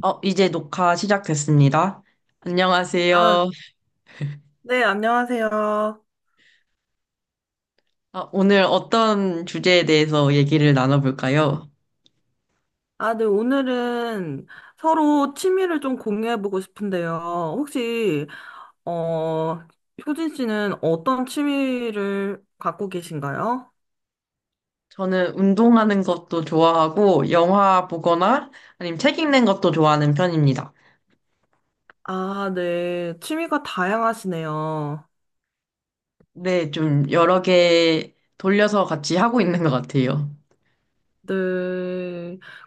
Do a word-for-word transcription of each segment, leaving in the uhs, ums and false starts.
어, 이제 녹화 시작됐습니다. 아, 안녕하세요. 네, 안녕하세요. 아, 오늘 어떤 주제에 대해서 얘기를 나눠볼까요? 아, 네, 오늘은 서로 취미를 좀 공유해보고 싶은데요. 혹시, 어, 효진 씨는 어떤 취미를 갖고 계신가요? 저는 운동하는 것도 좋아하고, 영화 보거나, 아니면 책 읽는 것도 좋아하는 편입니다. 아, 네, 취미가 다양하시네요. 네, 좀 여러 개 돌려서 같이 하고 있는 것 같아요. 네,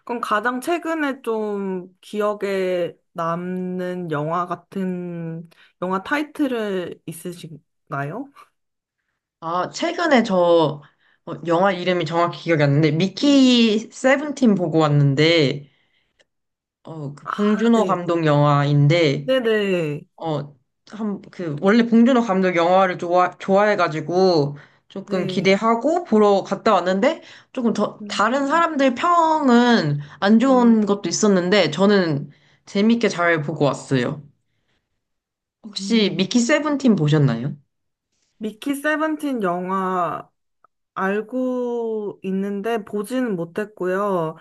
그럼 가장 최근에 좀 기억에 남는 영화 같은, 영화 타이틀을 있으신가요? 아, 최근에 저, 어, 영화 이름이 정확히 기억이 안 나는데, 미키 세븐틴 보고 왔는데, 어, 그 아, 봉준호 네. 감독 영화인데, 네네. 어, 한, 그, 원래 봉준호 감독 영화를 좋아, 좋아해가지고 조금 네. 기대하고 보러 갔다 왔는데 조금 더, 음. 다른 사람들 평은 안 네. 좋은 것도 있었는데 저는 재밌게 잘 보고 왔어요. 혹시 미키 음. 세븐틴 보셨나요? 미키 세븐틴 영화 알고 있는데 보지는 못했고요.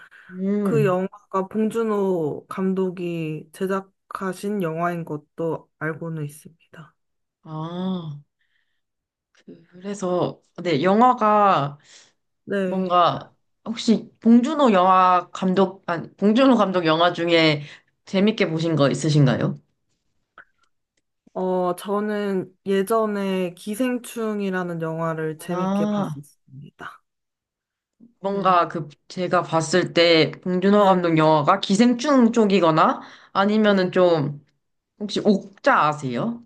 그 음, 영화가 봉준호 감독이 제작하신 영화인 것도 알고는 있습니다. 아, 그- 그래서, 네, 영화가 네. 뭔가 혹시 봉준호 영화 감독, 아니, 봉준호 감독 영화 중에 재밌게 보신 거 있으신가요? 어, 저는 예전에 기생충이라는 영화를 재밌게 아, 봤었습니다. 뭔가 네. 그 제가 봤을 때 봉준호 감독 네. 영화가 기생충 쪽이거나 아니면은 네. 좀 혹시 옥자 아세요?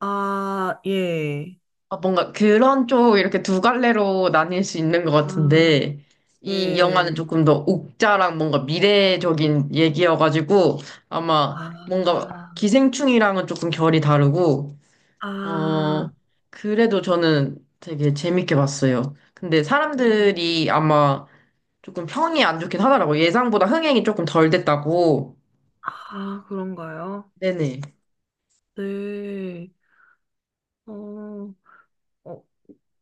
아, 예. 아, 뭔가 그런 쪽 이렇게 두 갈래로 나뉠 수 있는 것 아, 같은데 이 영화는 예. 조금 더 옥자랑 뭔가 미래적인 얘기여가지고 아마 뭔가 아, 기생충이랑은 조금 결이 다르고 아. 어 그래도 저는 되게 재밌게 봤어요. 근데 어, 사람들이 아마 조금 평이 안 좋긴 하더라고. 예상보다 흥행이 조금 덜 됐다고. 아, 그런가요? 네네. 네. 어, 어,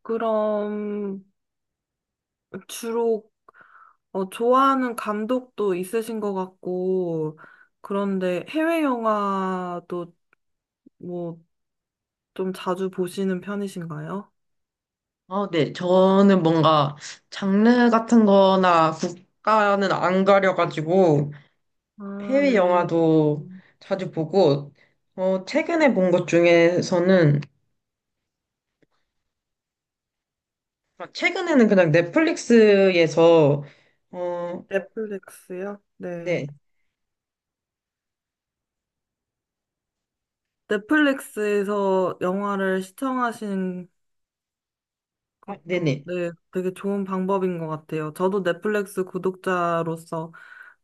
그럼 주로 어, 좋아하는 감독도 있으신 것 같고, 그런데 해외 영화도 뭐 좀 자주 보시는 편이신가요? 아, 네. 저는 뭔가 장르 같은 거나 국가는 안 가려가지고 아, 해외 네. 영화도 음, 자주 보고, 어, 최근에 본 것 중에서는, 아, 최근에는 그냥 넷플릭스에서, 어, 넷플릭스요? 네. 네. 넷플릭스에서 영화를 시청하시는 아, 것도 네네. 네, 되게 좋은 방법인 것 같아요. 저도 넷플릭스 구독자로서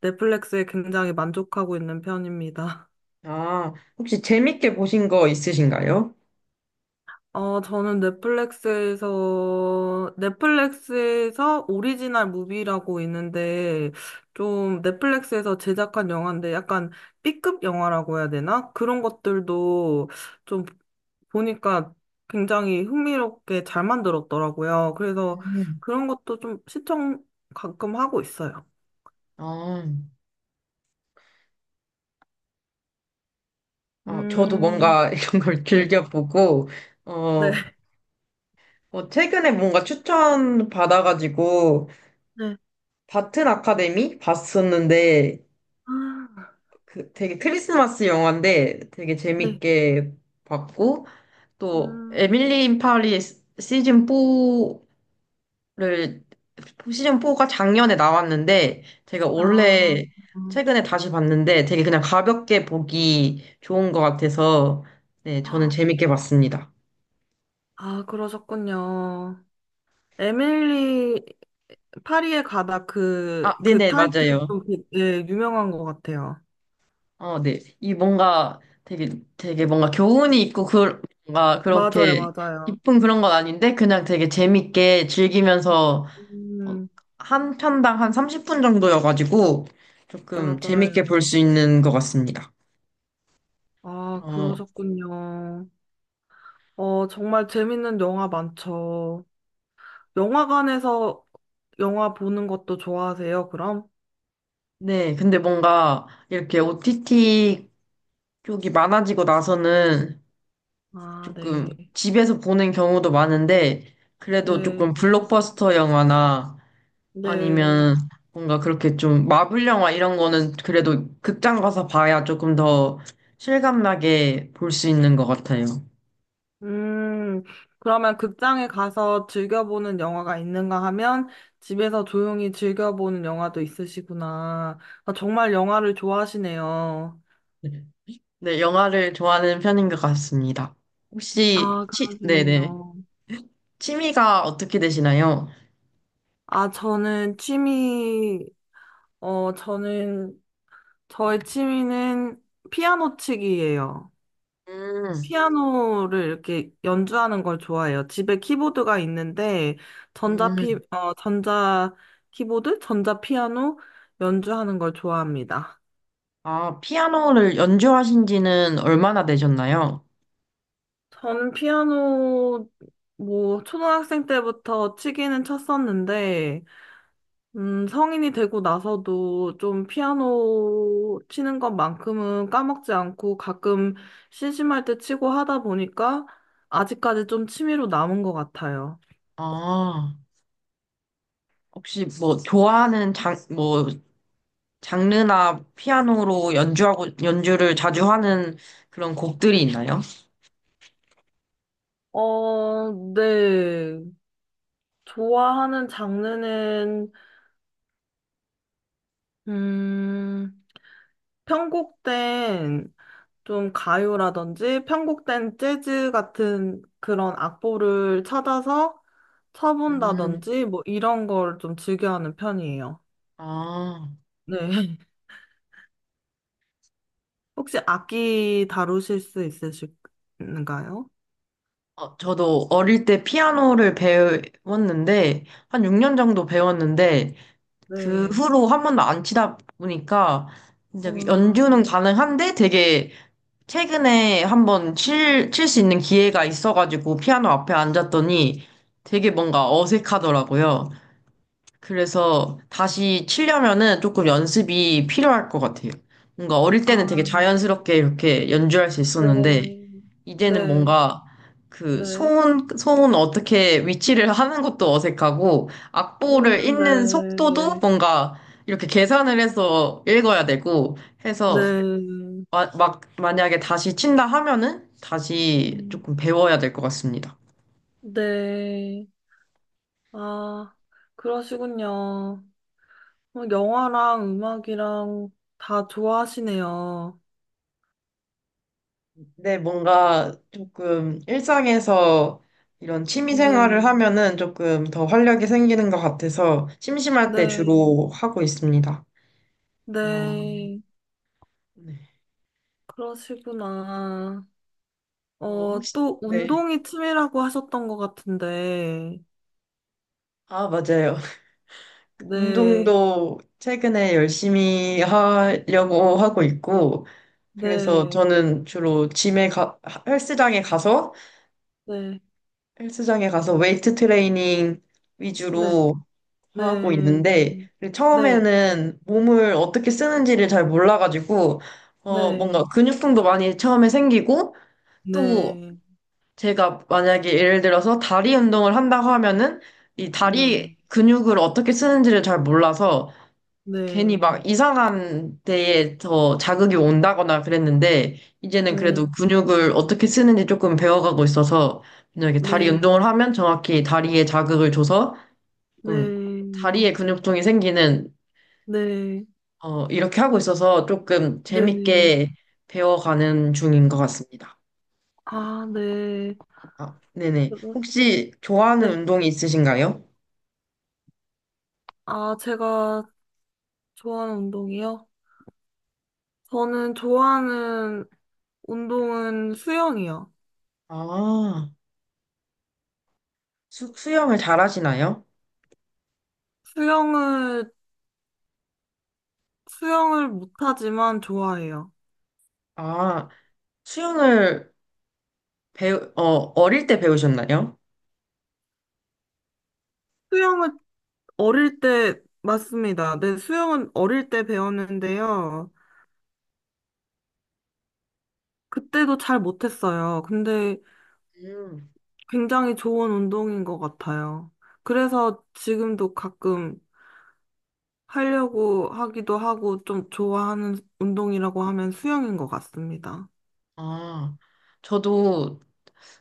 넷플릭스에 굉장히 만족하고 있는 편입니다. 아, 혹시 재밌게 보신 거 있으신가요? 어, 저는 넷플릭스에서, 넷플릭스에서 오리지널 무비라고 있는데, 좀 넷플릭스에서 제작한 영화인데 약간 비급 영화라고 해야 되나? 그런 것들도 좀 보니까 굉장히 흥미롭게 잘 만들었더라고요. 그래서 음. 그런 것도 좀 시청 가끔 하고 있어요. 아, 아, 저도 음, 뭔가 이런 걸 네, 즐겨보고, 어, 네, 어, 최근에 뭔가 추천 받아가지고 네. 바튼 아카데미 봤었는데 아, 그 되게 크리스마스 영화인데 되게 네. 재밌게 봤고 또 음. 에밀리 인 파리 시즌 사를 시즌 사가 작년에 나왔는데 제가 원래 최근에 다시 봤는데 되게 그냥 가볍게 보기 좋은 것 같아서 네 저는 재밌게 봤습니다. 아, 그러셨군요. 에밀리 파리에 가다 아 그, 그 네네 타이틀 맞아요. 좀 그- 네, 유명한 것 같아요. 어, 네. 이 뭔가 되게, 되게 뭔가 교훈이 있고, 그, 뭔가 맞아요, 그렇게 맞아요. 깊은 그런 건 아닌데, 그냥 되게 재밌게 즐기면서, 어, 음, 한 편당 한 삼십 분 정도여가지고, 조금 재밌게 볼 맞아요. 수 있는 것 같습니다. 아, 어, 그러셨군요. 어, 정말 재밌는 영화 많죠. 영화관에서 영화 보는 것도 좋아하세요, 그럼? 네. 근데 뭔가 이렇게 오티티 쪽이 많아지고 나서는 아, 조금 네. 집에서 보는 경우도 많은데, 그래도 네, 조금 블록버스터 영화나 네. 아니면 뭔가 그렇게 좀 마블 영화 이런 거는 그래도 극장 가서 봐야 조금 더 실감나게 볼 수 있는 것 같아요. 음, 그러면 극장에 가서 즐겨보는 영화가 있는가 하면 집에서 조용히 즐겨보는 영화도 있으시구나. 아, 정말 영화를 좋아하시네요. 네, 영화를 좋아하는 편인 것 같습니다. 혹시 아, 치, 네네. 그러시군요. 취미가 어떻게 되시나요? 아, 저는 취미, 어, 저는, 저의 취미는 피아노 치기예요. 음. 피아노를 이렇게 연주하는 걸 좋아해요. 집에 키보드가 있는데, 전자 음. 피, 어, 전자 키보드? 전자 피아노? 연주하는 걸 좋아합니다. 아, 피아노를 연주하신 지는 얼마나 되셨나요? 전 피아노 뭐 초등학생 때부터 치기는 쳤었는데 음 성인이 되고 나서도 좀 피아노 치는 것만큼은 까먹지 않고 가끔 심심할 때 치고 하다 보니까 아직까지 좀 취미로 남은 것 같아요. 아, 혹시 뭐 좋아하는 장, 뭐 장르나 피아노로 연주하고 연주를 자주 하는 그런 곡들이 있나요? 어, 네. 좋아하는 장르는 음 편곡된 좀 가요라든지 편곡된 재즈 같은 그런 악보를 찾아서 음, 쳐본다든지 뭐 이런 걸 좀 즐겨하는 편이에요. 아, 네. 혹시 악기 다루실 수 있으신가요? 어, 저도 어릴 때 피아노를 배웠는데, 한 육 년 정도 배웠는데, 그 네. 후로 한 번도 안 치다 보니까, 이제 연주는 음, 가능한데 되게 최근에 한번 칠, 칠 수 있는 기회가 있어가지고 피아노 앞에 앉았더니 되게 뭔가 어색하더라고요. 그래서 다시 치려면은 조금 연습이 필요할 것 같아요. 뭔가 어릴 때는 되게 아, 자연스럽게 이렇게 연주할 수 있었는데, 네. 이제는 네. 뭔가 그 네. 손, 손 어떻게 위치를 하는 것도 어색하고, 악보를 음, 읽는 네. 속도도 네. 뭔가 이렇게 계산을 해서 읽어야 되고, 해서 네. 마- 막 만약에 다시 친다 하면은 다시 조금 음, 배워야 될 것 같습니다. 네. 아, 그러시군요. 어, 영화랑 음악이랑 다 좋아하시네요. 네, 뭔가 조금 일상에서 이런 취미 네, 생활을 하면은 조금 더 활력이 생기는 것 같아서 심심할 때 네, 주로 하고 있습니다. 어, 네. 네. 그러시구나. 어, 어, 혹시, 또 네. 운동이 취미라고 하셨던 것 같은데. 아, 맞아요. 네, 운동도 최근에 열심히 하려고 하고 있고, 그래서 네, 저는 주로 짐에 가, 헬스장에 가서 네, 헬스장에 가서 웨이트 트레이닝 네, 위주로 하고 네, 있는데 네, 처음에는 몸을 어떻게 쓰는지를 잘 몰라가지고 어 네, 뭔가 근육통도 많이 처음에 생기고 또 네, 제가 만약에 예를 들어서 다리 운동을 한다고 하면은 이 네, 다리 근육을 어떻게 쓰는지를 잘 몰라서 괜히 네, 막 이상한 데에 더 자극이 온다거나 그랬는데, 이제는 그래도 음, 근육을 어떻게 쓰는지 조금 배워가고 있어서, 그냥 이렇게 다리 네, 운동을 하면 정확히 다리에 자극을 줘서, 조금 네, 다리에 근육통이 생기는, 네, 어, 이렇게 하고 있어서 조금 네. 재밌게 배워가는 중인 것 같습니다. 아, 네. 아, 네네. 그러- 혹시 좋아하는 네. 운동이 있으신가요? 아, 제가 좋아하는 운동이요? 저는 좋아하는 운동은 수영이요. 아, 수, 수영을 잘하시나요? 수영을, 수영을 못하지만 좋아해요. 아, 수영을 배우, 어, 어릴 때 배우셨나요? 수영은 어릴 때, 맞습니다. 네, 수영은 어릴 때 배웠는데요. 그때도 잘 못했어요. 근데 음. 굉장히 좋은 운동인 것 같아요. 그래서 지금도 가끔 하려고 하기도 하고 좀 좋아하는 운동이라고 하면 수영인 것 같습니다. 아, 저도,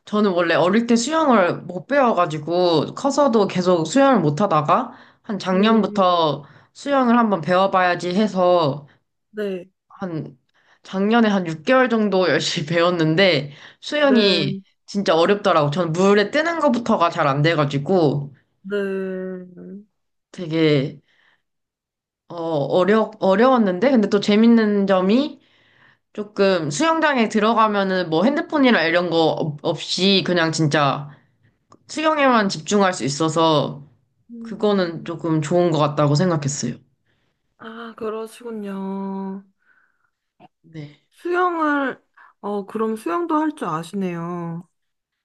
저는 원래 어릴 때 수영을 못 배워가지고, 커서도 계속 수영을 못 하다가, 한 네. 작년부터 수영을 한번 배워봐야지 해서, 네. 한, 작년에 한 육 개월 정도 열심히 배웠는데, 수영이 네, 진짜 어렵더라고. 저는 물에 뜨는 것부터가 잘 안 돼가지고, 네. 되게, 어, 어려, 어려웠는데, 근데 또 재밌는 점이, 조금 수영장에 들어가면은 뭐 핸드폰이나 이런 거 없- 없이 그냥 진짜 수영에만 집중할 수 있어서 그거는 음, 조금 좋은 것 같다고 생각했어요. 아, 그러시군요. 네. 수영을, 어, 그럼 수영도 할 줄 아시네요.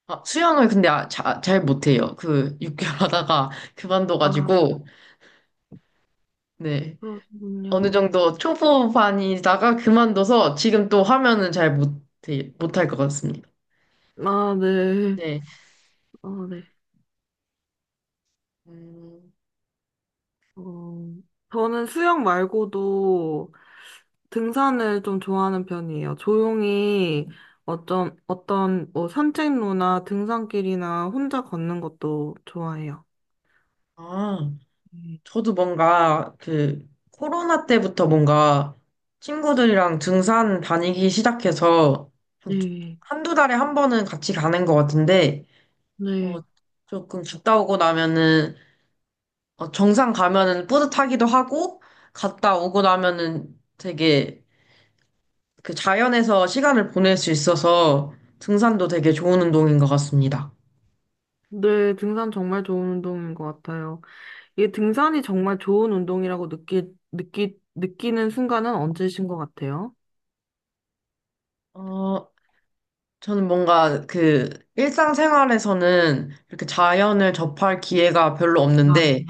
아, 수영을 근데 아, 자- 잘 못해요. 그 육 개월 하다가 아, 그만둬가지고 네. 어느 그러시군요. 정도 초보반이다가 그만둬서 지금 또 하면은 잘 못해, 못할 것 같습니다. 아, 네. 네. 어, 네. 음, 어, 저는 수영 말고도 등산을 좀 좋아하는 편이에요. 조용히 어떤, 어떤, 뭐, 산책로나 등산길이나 혼자 걷는 것도 좋아해요. 아, 네, 저도 뭔가 그 코로나 때부터 뭔가 친구들이랑 등산 다니기 시작해서 한- 네. 한두 달에 한 번은 같이 가는 것 같은데 네. 어, 조금 갔다 오고 나면은, 어, 정상 가면은 뿌듯하기도 하고, 갔다 오고 나면은 되게 그 자연에서 시간을 보낼 수 있어서 등산도 되게 좋은 운동인 것 같습니다. 네, 등산 정말 좋은 운동인 것 같아요. 이게 등산이 정말 좋은 운동이라고 느끼, 느끼, 느끼는 순간은 언제신 것 같아요? 어, 저는 뭔가 그 일상생활에서는 이렇게 자연을 접할 기회가 별로 아, 없는데,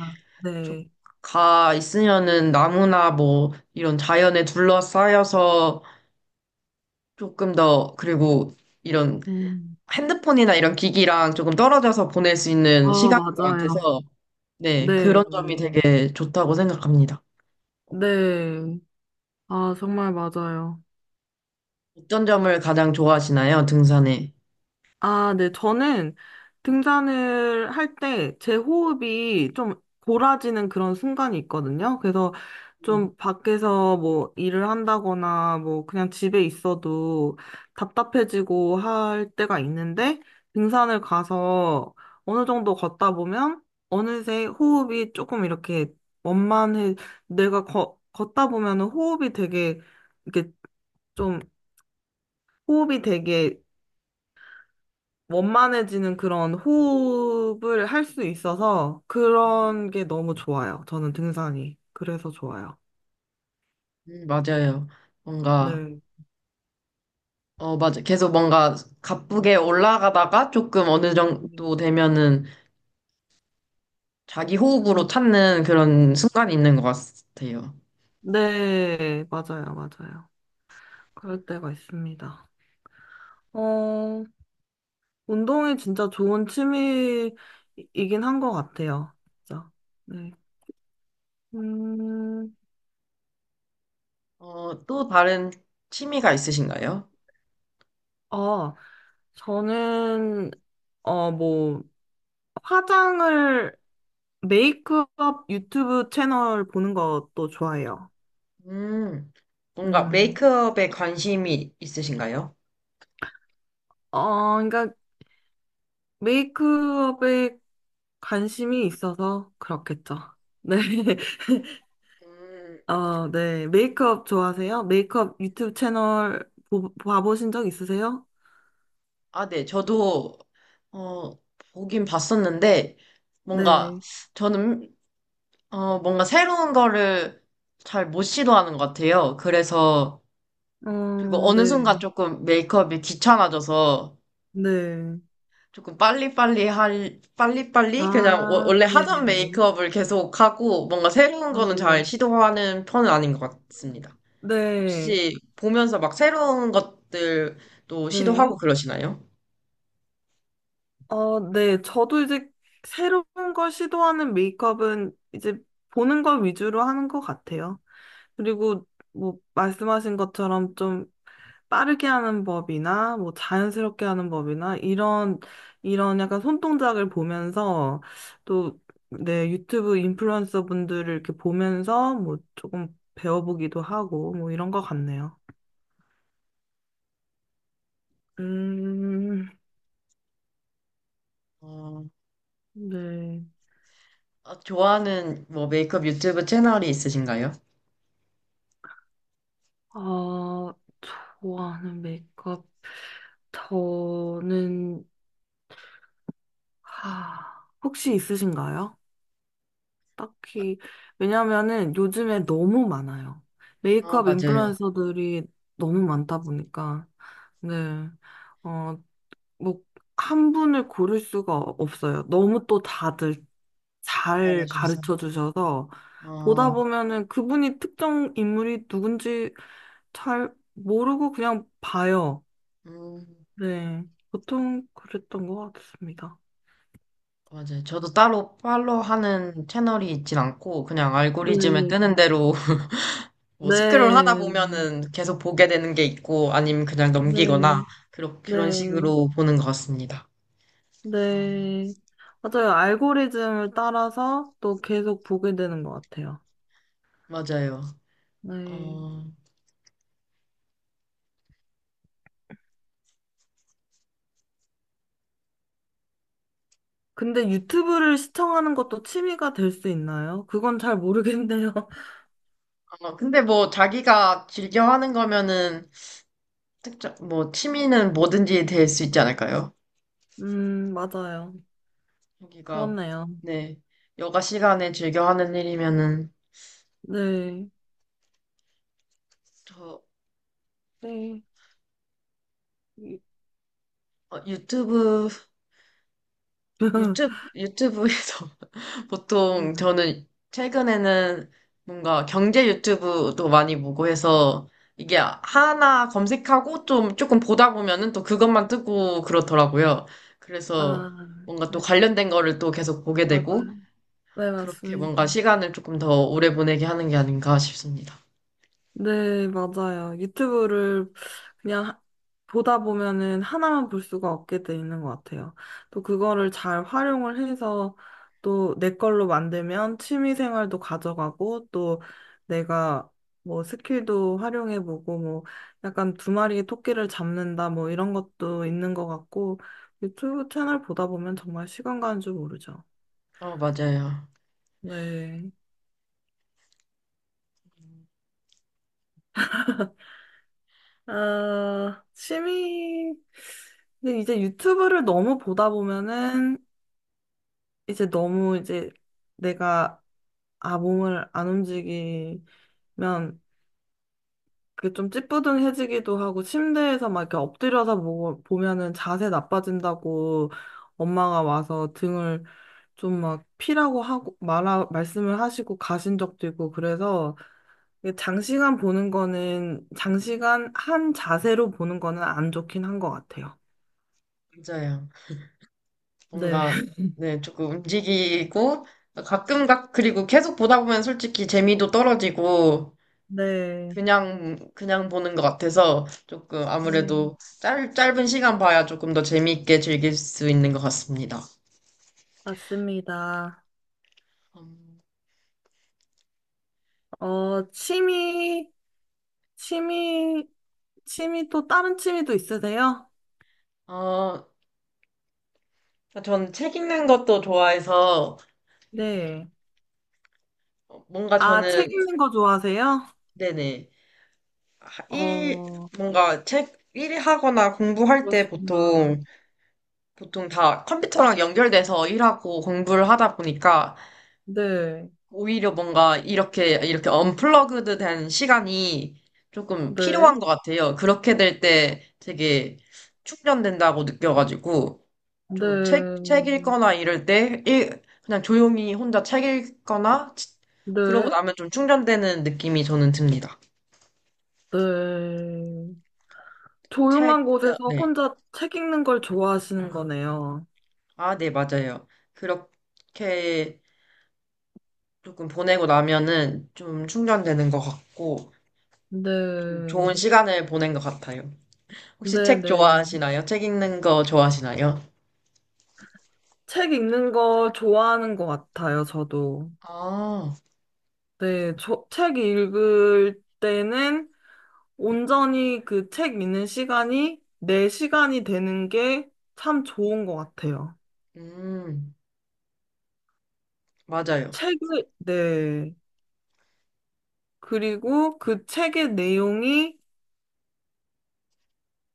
좀 네. 가 있으면은 나무나 뭐 이런 자연에 둘러싸여서 조금 더, 그리고 이런 음. 핸드폰이나 이런 기기랑 조금 떨어져서 보낼 수 있는 아, 시간인 것 맞아요. 같아서, 네, 네, 그런 점이 네. 되게 좋다고 생각합니다. 네. 아, 정말 맞아요. 어떤 점을 가장 좋아하시나요, 등산에? 아, 네. 저는 등산을 할 때 제 호흡이 좀 골아지는 그런 순간이 있거든요. 그래서 음, 좀 밖에서 뭐 일을 한다거나 뭐 그냥 집에 있어도 답답해지고 할 때가 있는데 등산을 가서 어느 정도 걷다 보면 어느새 호흡이 조금 이렇게 원만해. 내가 걷 걷다 보면은 호흡이 되게 이렇게 좀 호흡이 되게 원만해지는 그런 호흡을 할 수 있어서 그런 게 너무 좋아요. 저는 등산이. 그래서 좋아요. 음, 맞아요. 뭔가, 네. 어, 맞아. 계속 뭔가 가쁘게 올라가다가 조금 어느 정도 되면은 자기 호흡으로 음, 찾는 그런 순간이 있는 것 같아요. 네, 맞아요, 맞아요. 그럴 때가 있습니다. 어, 운동이 진짜 좋은 취미이긴 한 것 같아요. 진짜. 네. 음, 어, 또 다른 취미가 있으신가요? 어, 저는, 어, 뭐, 화장을, 메이크업 유튜브 채널 보는 것도 좋아해요. 음, 뭔가 음, 메이크업에 관심이 있으신가요? 어, 그러니까 메이크업에 관심이 있어서 그렇겠죠. 네, 음, 어, 네, 메이크업 좋아하세요? 메이크업 유튜브 채널 보, 봐보신 적 있으세요? 아, 네. 저도, 어, 보긴 봤었는데, 뭔가, 네, 저는, 어, 뭔가 새로운 거를 잘 못 시도하는 것 같아요. 그래서, 그리고 어, 어느 순간 네, 조금 메이크업이 귀찮아져서, 네, 조금 빨리빨리 할, 빨리빨리? 그냥 워- 아, 원래 네, 네, 하던 네, 메이크업을 계속 하고, 뭔가 새로운 아, 거는 잘 네, 시도하는 편은 아닌 것 같습니다. 네, 혹시 보면서 막 새로운 것들도 네, 시도하고 그러시나요? 어, 네, 저도 이제 새로운 걸 시도하는 메이크업은 이제 보는 걸 위주로 하는 것 같아요. 그리고 뭐 말씀하신 것처럼 좀 빠르게 하는 법이나 뭐 자연스럽게 하는 법이나 이런 이런 약간 손동작을 보면서 또 내 유튜브 인플루언서 분들을 이렇게 보면서 뭐 조금 배워보기도 하고 뭐 이런 것 같네요. 음, 네. 아, 좋아하는 뭐 메이크업 유튜브 채널이 있으신가요? 아, 좋아하는 메이크업 저는 하, 혹시 있으신가요? 딱히, 왜냐면은 요즘에 너무 많아요. 아, 메이크업 맞아요. 인플루언서들이 너무 많다 보니까, 네, 어, 뭐, 한 분을 고를 수가 없어요. 너무 또 다들 잘 잘하셔서. 가르쳐 주셔서, 보다 어, 보면은 그분이 특정 인물이 누군지 잘 모르고 그냥 봐요. 음, 네, 보통 그랬던 것 같습니다. 맞아요. 저도 따로 팔로우 하는 채널이 있진 않고, 그냥 네, 알고리즘에 뜨는 대로 뭐 스크롤 하다 네, 보면은 계속 보게 되는 게 있고, 아니면 그냥 네, 넘기거나, 그런, 그런 네. 식으로 보는 것 같습니다. 어, 네. 맞아요. 알고리즘을 따라서 또 계속 보게 되는 것 같아요. 맞아요. 네. 어, 근데 유튜브를 시청하는 것도 취미가 될 수 있나요? 그건 잘 모르겠네요. 어, 근데 뭐 자기가 즐겨 하는 거면은, 특정, 뭐 취미는 뭐든지 될 수 있지 않을까요? 음, 맞아요. 여기가 그렇네요. 네 여가 시간에 즐겨 하는 일이면은 네. 저 네. 어, 유튜브 유튜브 유튜브에서 보통 저는 최근에는 뭔가 경제 유튜브도 많이 보고 해서 이게 하나 검색하고 좀 조금 보다 보면은 또 그것만 뜨고 그렇더라고요. 그래서 아, 뭔가 또 네. 관련된 거를 또 계속 보게 되고 맞아요. 네, 그렇게 뭔가 맞습니다. 시간을 조금 더 오래 보내게 하는 게 아닌가 싶습니다. 네, 맞아요. 유튜브를 그냥 하- 보다 보면은 하나만 볼 수가 없게 돼 있는 것 같아요. 또 그거를 잘 활용을 해서 또 내 걸로 만들면 취미 생활도 가져가고 또 내가 뭐 스킬도 활용해보고 뭐 약간 두 마리의 토끼를 잡는다 뭐 이런 것도 있는 것 같고 유튜브 채널 보다 보면 정말 시간 가는 줄 모르죠. 어, 맞아요. 네. 아, 취미, 근데 이제 유튜브를 너무 보다 보면은 이제 너무 이제 내가 아, 몸을 안 움직이면 그게 좀 찌뿌둥해지기도 하고 침대에서 막 이렇게 엎드려서 보, 보면은 자세 나빠진다고 엄마가 와서 등을 좀 막 피라고 하고 말아, 말씀을 하시고 가신 적도 있고 그래서 이게 장시간 보는 거는 장시간 한 자세로 보는 거는 안 좋긴 한 것 같아요. 맞아요. 네. 뭔가, 네, 조금 움직이고, 가끔 각, 그리고 계속 보다 보면 솔직히 재미도 떨어지고, 네, 그냥, 그냥 보는 것 같아서, 조금 네, 아무래도 짧, 짧은 시간 봐야 조금 더 재미있게 즐길 수 있는 것 같습니다. 맞습니다. 음, 어, 취미, 취미, 취미 또 다른 취미도 있으세요? 어, 전 책 읽는 것도 좋아해서, 네. 뭔가 아, 저는, 책 읽는 거 좋아하세요? 네네, 하- 일, 어, 뭔가 책, 일하거나 공부할 때 그러시구나. 보통, 보통 다 컴퓨터랑 연결돼서 일하고 공부를 하다 보니까, 네, 오히려 뭔가 이렇게, 이렇게 언플러그드 된 시간이 조금 네, 필요한 것 같아요. 그렇게 될 때 되게 충전된다고 느껴가지고, 좀 책, 책 네, 읽거나 이럴 때, 일, 그냥 조용히 혼자 책 읽거나, 치- 그러고 네, 나면 좀 충전되는 느낌이 저는 듭니다. 네. 책, 조용한 아, 곳에서 네. 혼자 책 읽는 걸 좋아하시는 거네요. 아, 네, 맞아요. 그렇게 조금 보내고 나면은 좀 충전되는 것 같고, 좀 네, 좋은 시간을 보낸 것 같아요. 혹시 네, 책 네. 좋아하시나요? 책 읽는 거 좋아하시나요? 책 읽는 거 좋아하는 것 같아요, 저도. 아, 네, 저, 책 읽을 때는 온전히 그 책 읽는 시간이 내 시간이 되는 게 참 좋은 것 같아요. 음, 맞아요. 책을, 네. 그리고 그 책의 내용이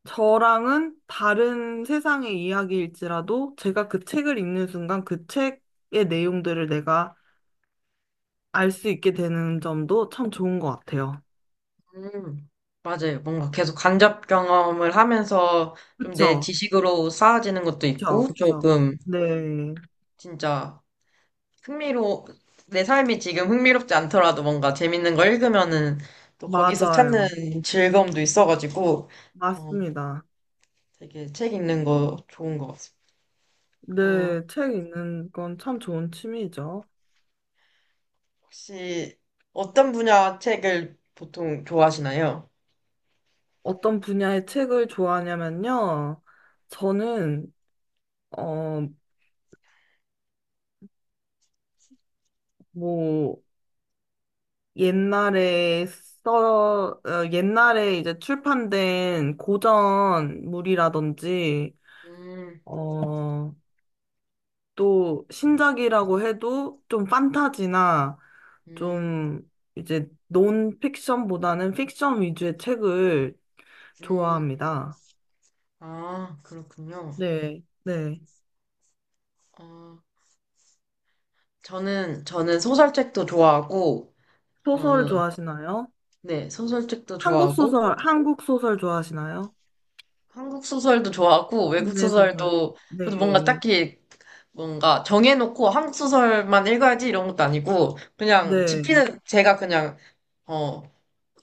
저랑은 다른 세상의 이야기일지라도 제가 그 책을 읽는 순간 그 책의 내용들을 내가 알 수 있게 되는 점도 참 좋은 것 같아요. 음, 맞아요. 뭔가 계속 간접 경험을 하면서 좀 내 그쵸? 지식으로 쌓아지는 것도 그쵸? 있고, 그쵸? 조금 네. 진짜 흥미로, 내 삶이 지금 흥미롭지 않더라도 뭔가 재밌는 거 읽으면은 또 거기서 맞아요. 찾는 즐거움도 있어가지고, 어, 맞습니다. 되게 책 읽는 거 좋은 것 같습니다. 어, 네, 책 읽는 건 참 좋은 취미죠. 혹시 어떤 분야 책을 보통 좋아하시나요? 어떤 분야의 책을 좋아하냐면요. 저는, 어, 뭐, 옛날에 써, 어, 옛날에 이제 출판된 고전물이라든지, 음, 어, 또 신작이라고 해도 좀 판타지나 음, 좀 이제 논픽션보다는 픽션 위주의 책을 음. 좋아합니다. 아, 그렇군요. 네, 네. 어, 저는, 저는 소설책도 좋아하고, 어, 소설 좋아하시나요? 네, 소설책도 한국 좋아하고, 소설, 한국 소설 좋아하시나요? 한국 소설도 좋아하고, 외국 국내 소설. 소설도, 네, 저도 뭔가 딱히 뭔가 정해놓고 한국 소설만 읽어야지 이런 것도 아니고, 그냥 네, 집히는 제가 그냥, 어,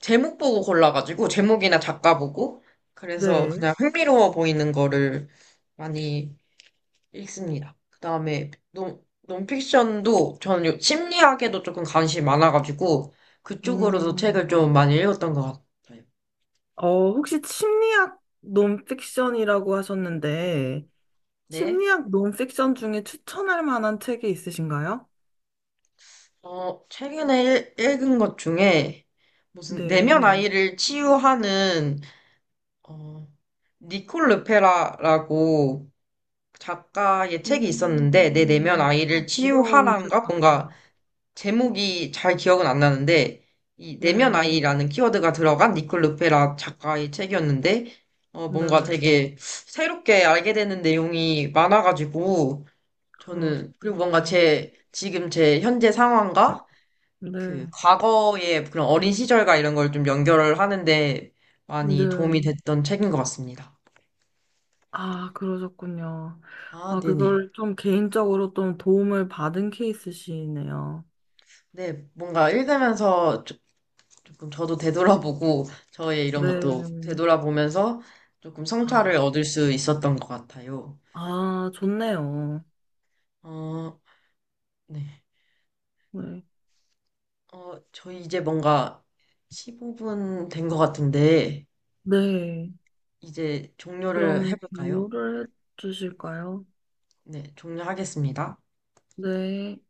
제목 보고 골라가지고, 제목이나 작가 보고, 그래서 네. 그냥 흥미로워 보이는 거를 많이 읽습니다. 그다음에 논, 논픽션도 저는 요- 심리학에도 조금 관심이 많아가지고 그쪽으로도 책을 음, 좀 많이 읽었던 것 같아요. 어, 혹시 심리학 논픽션이라고 하셨는데, 네. 심리학 논픽션 중에 추천할 만한 책이 있으신가요? 어, 최근에 읽, 읽은 것 중에 무슨 내면 네. 아이를 치유하는 어, 니콜 르페라라고 작가의 책이 있었는데 내 내면 음, 참 아이를 어려운 책 치유하란가 뭔가 같아요. 제목이 잘 기억은 안 나는데 이 내면 네, 아이라는 키워드가 들어간 니콜 루페라 작가의 책이었는데 어 뭔가 네, 되게 새롭게 알게 되는 내용이 많아가지고 저는 그리고 뭔가 그러시군요. 제 지금 제 현재 상황과 그 네, 과거의 그런 어린 시절과 이런 걸 좀 연결을 하는데 많이 도움이 네. 됐던 책인 것 같습니다. 아, 그러셨군요. 아, 아, 네네. 그걸 좀 개인적으로 좀 도움을 받은 케이스시네요. 네, 뭔가 읽으면서 조금 저도 되돌아보고 저의 이런 것도 네. 되돌아보면서 조금 성찰을 아, 얻을 수 있었던 것 같아요. 아, 좋네요. 어, 네. 네. 어, 저희 이제 뭔가 십오 분 된 것 같은데 네. 이제 종료를 그럼 해볼까요? 공유를 해주실까요? 네, 종료하겠습니다. 네.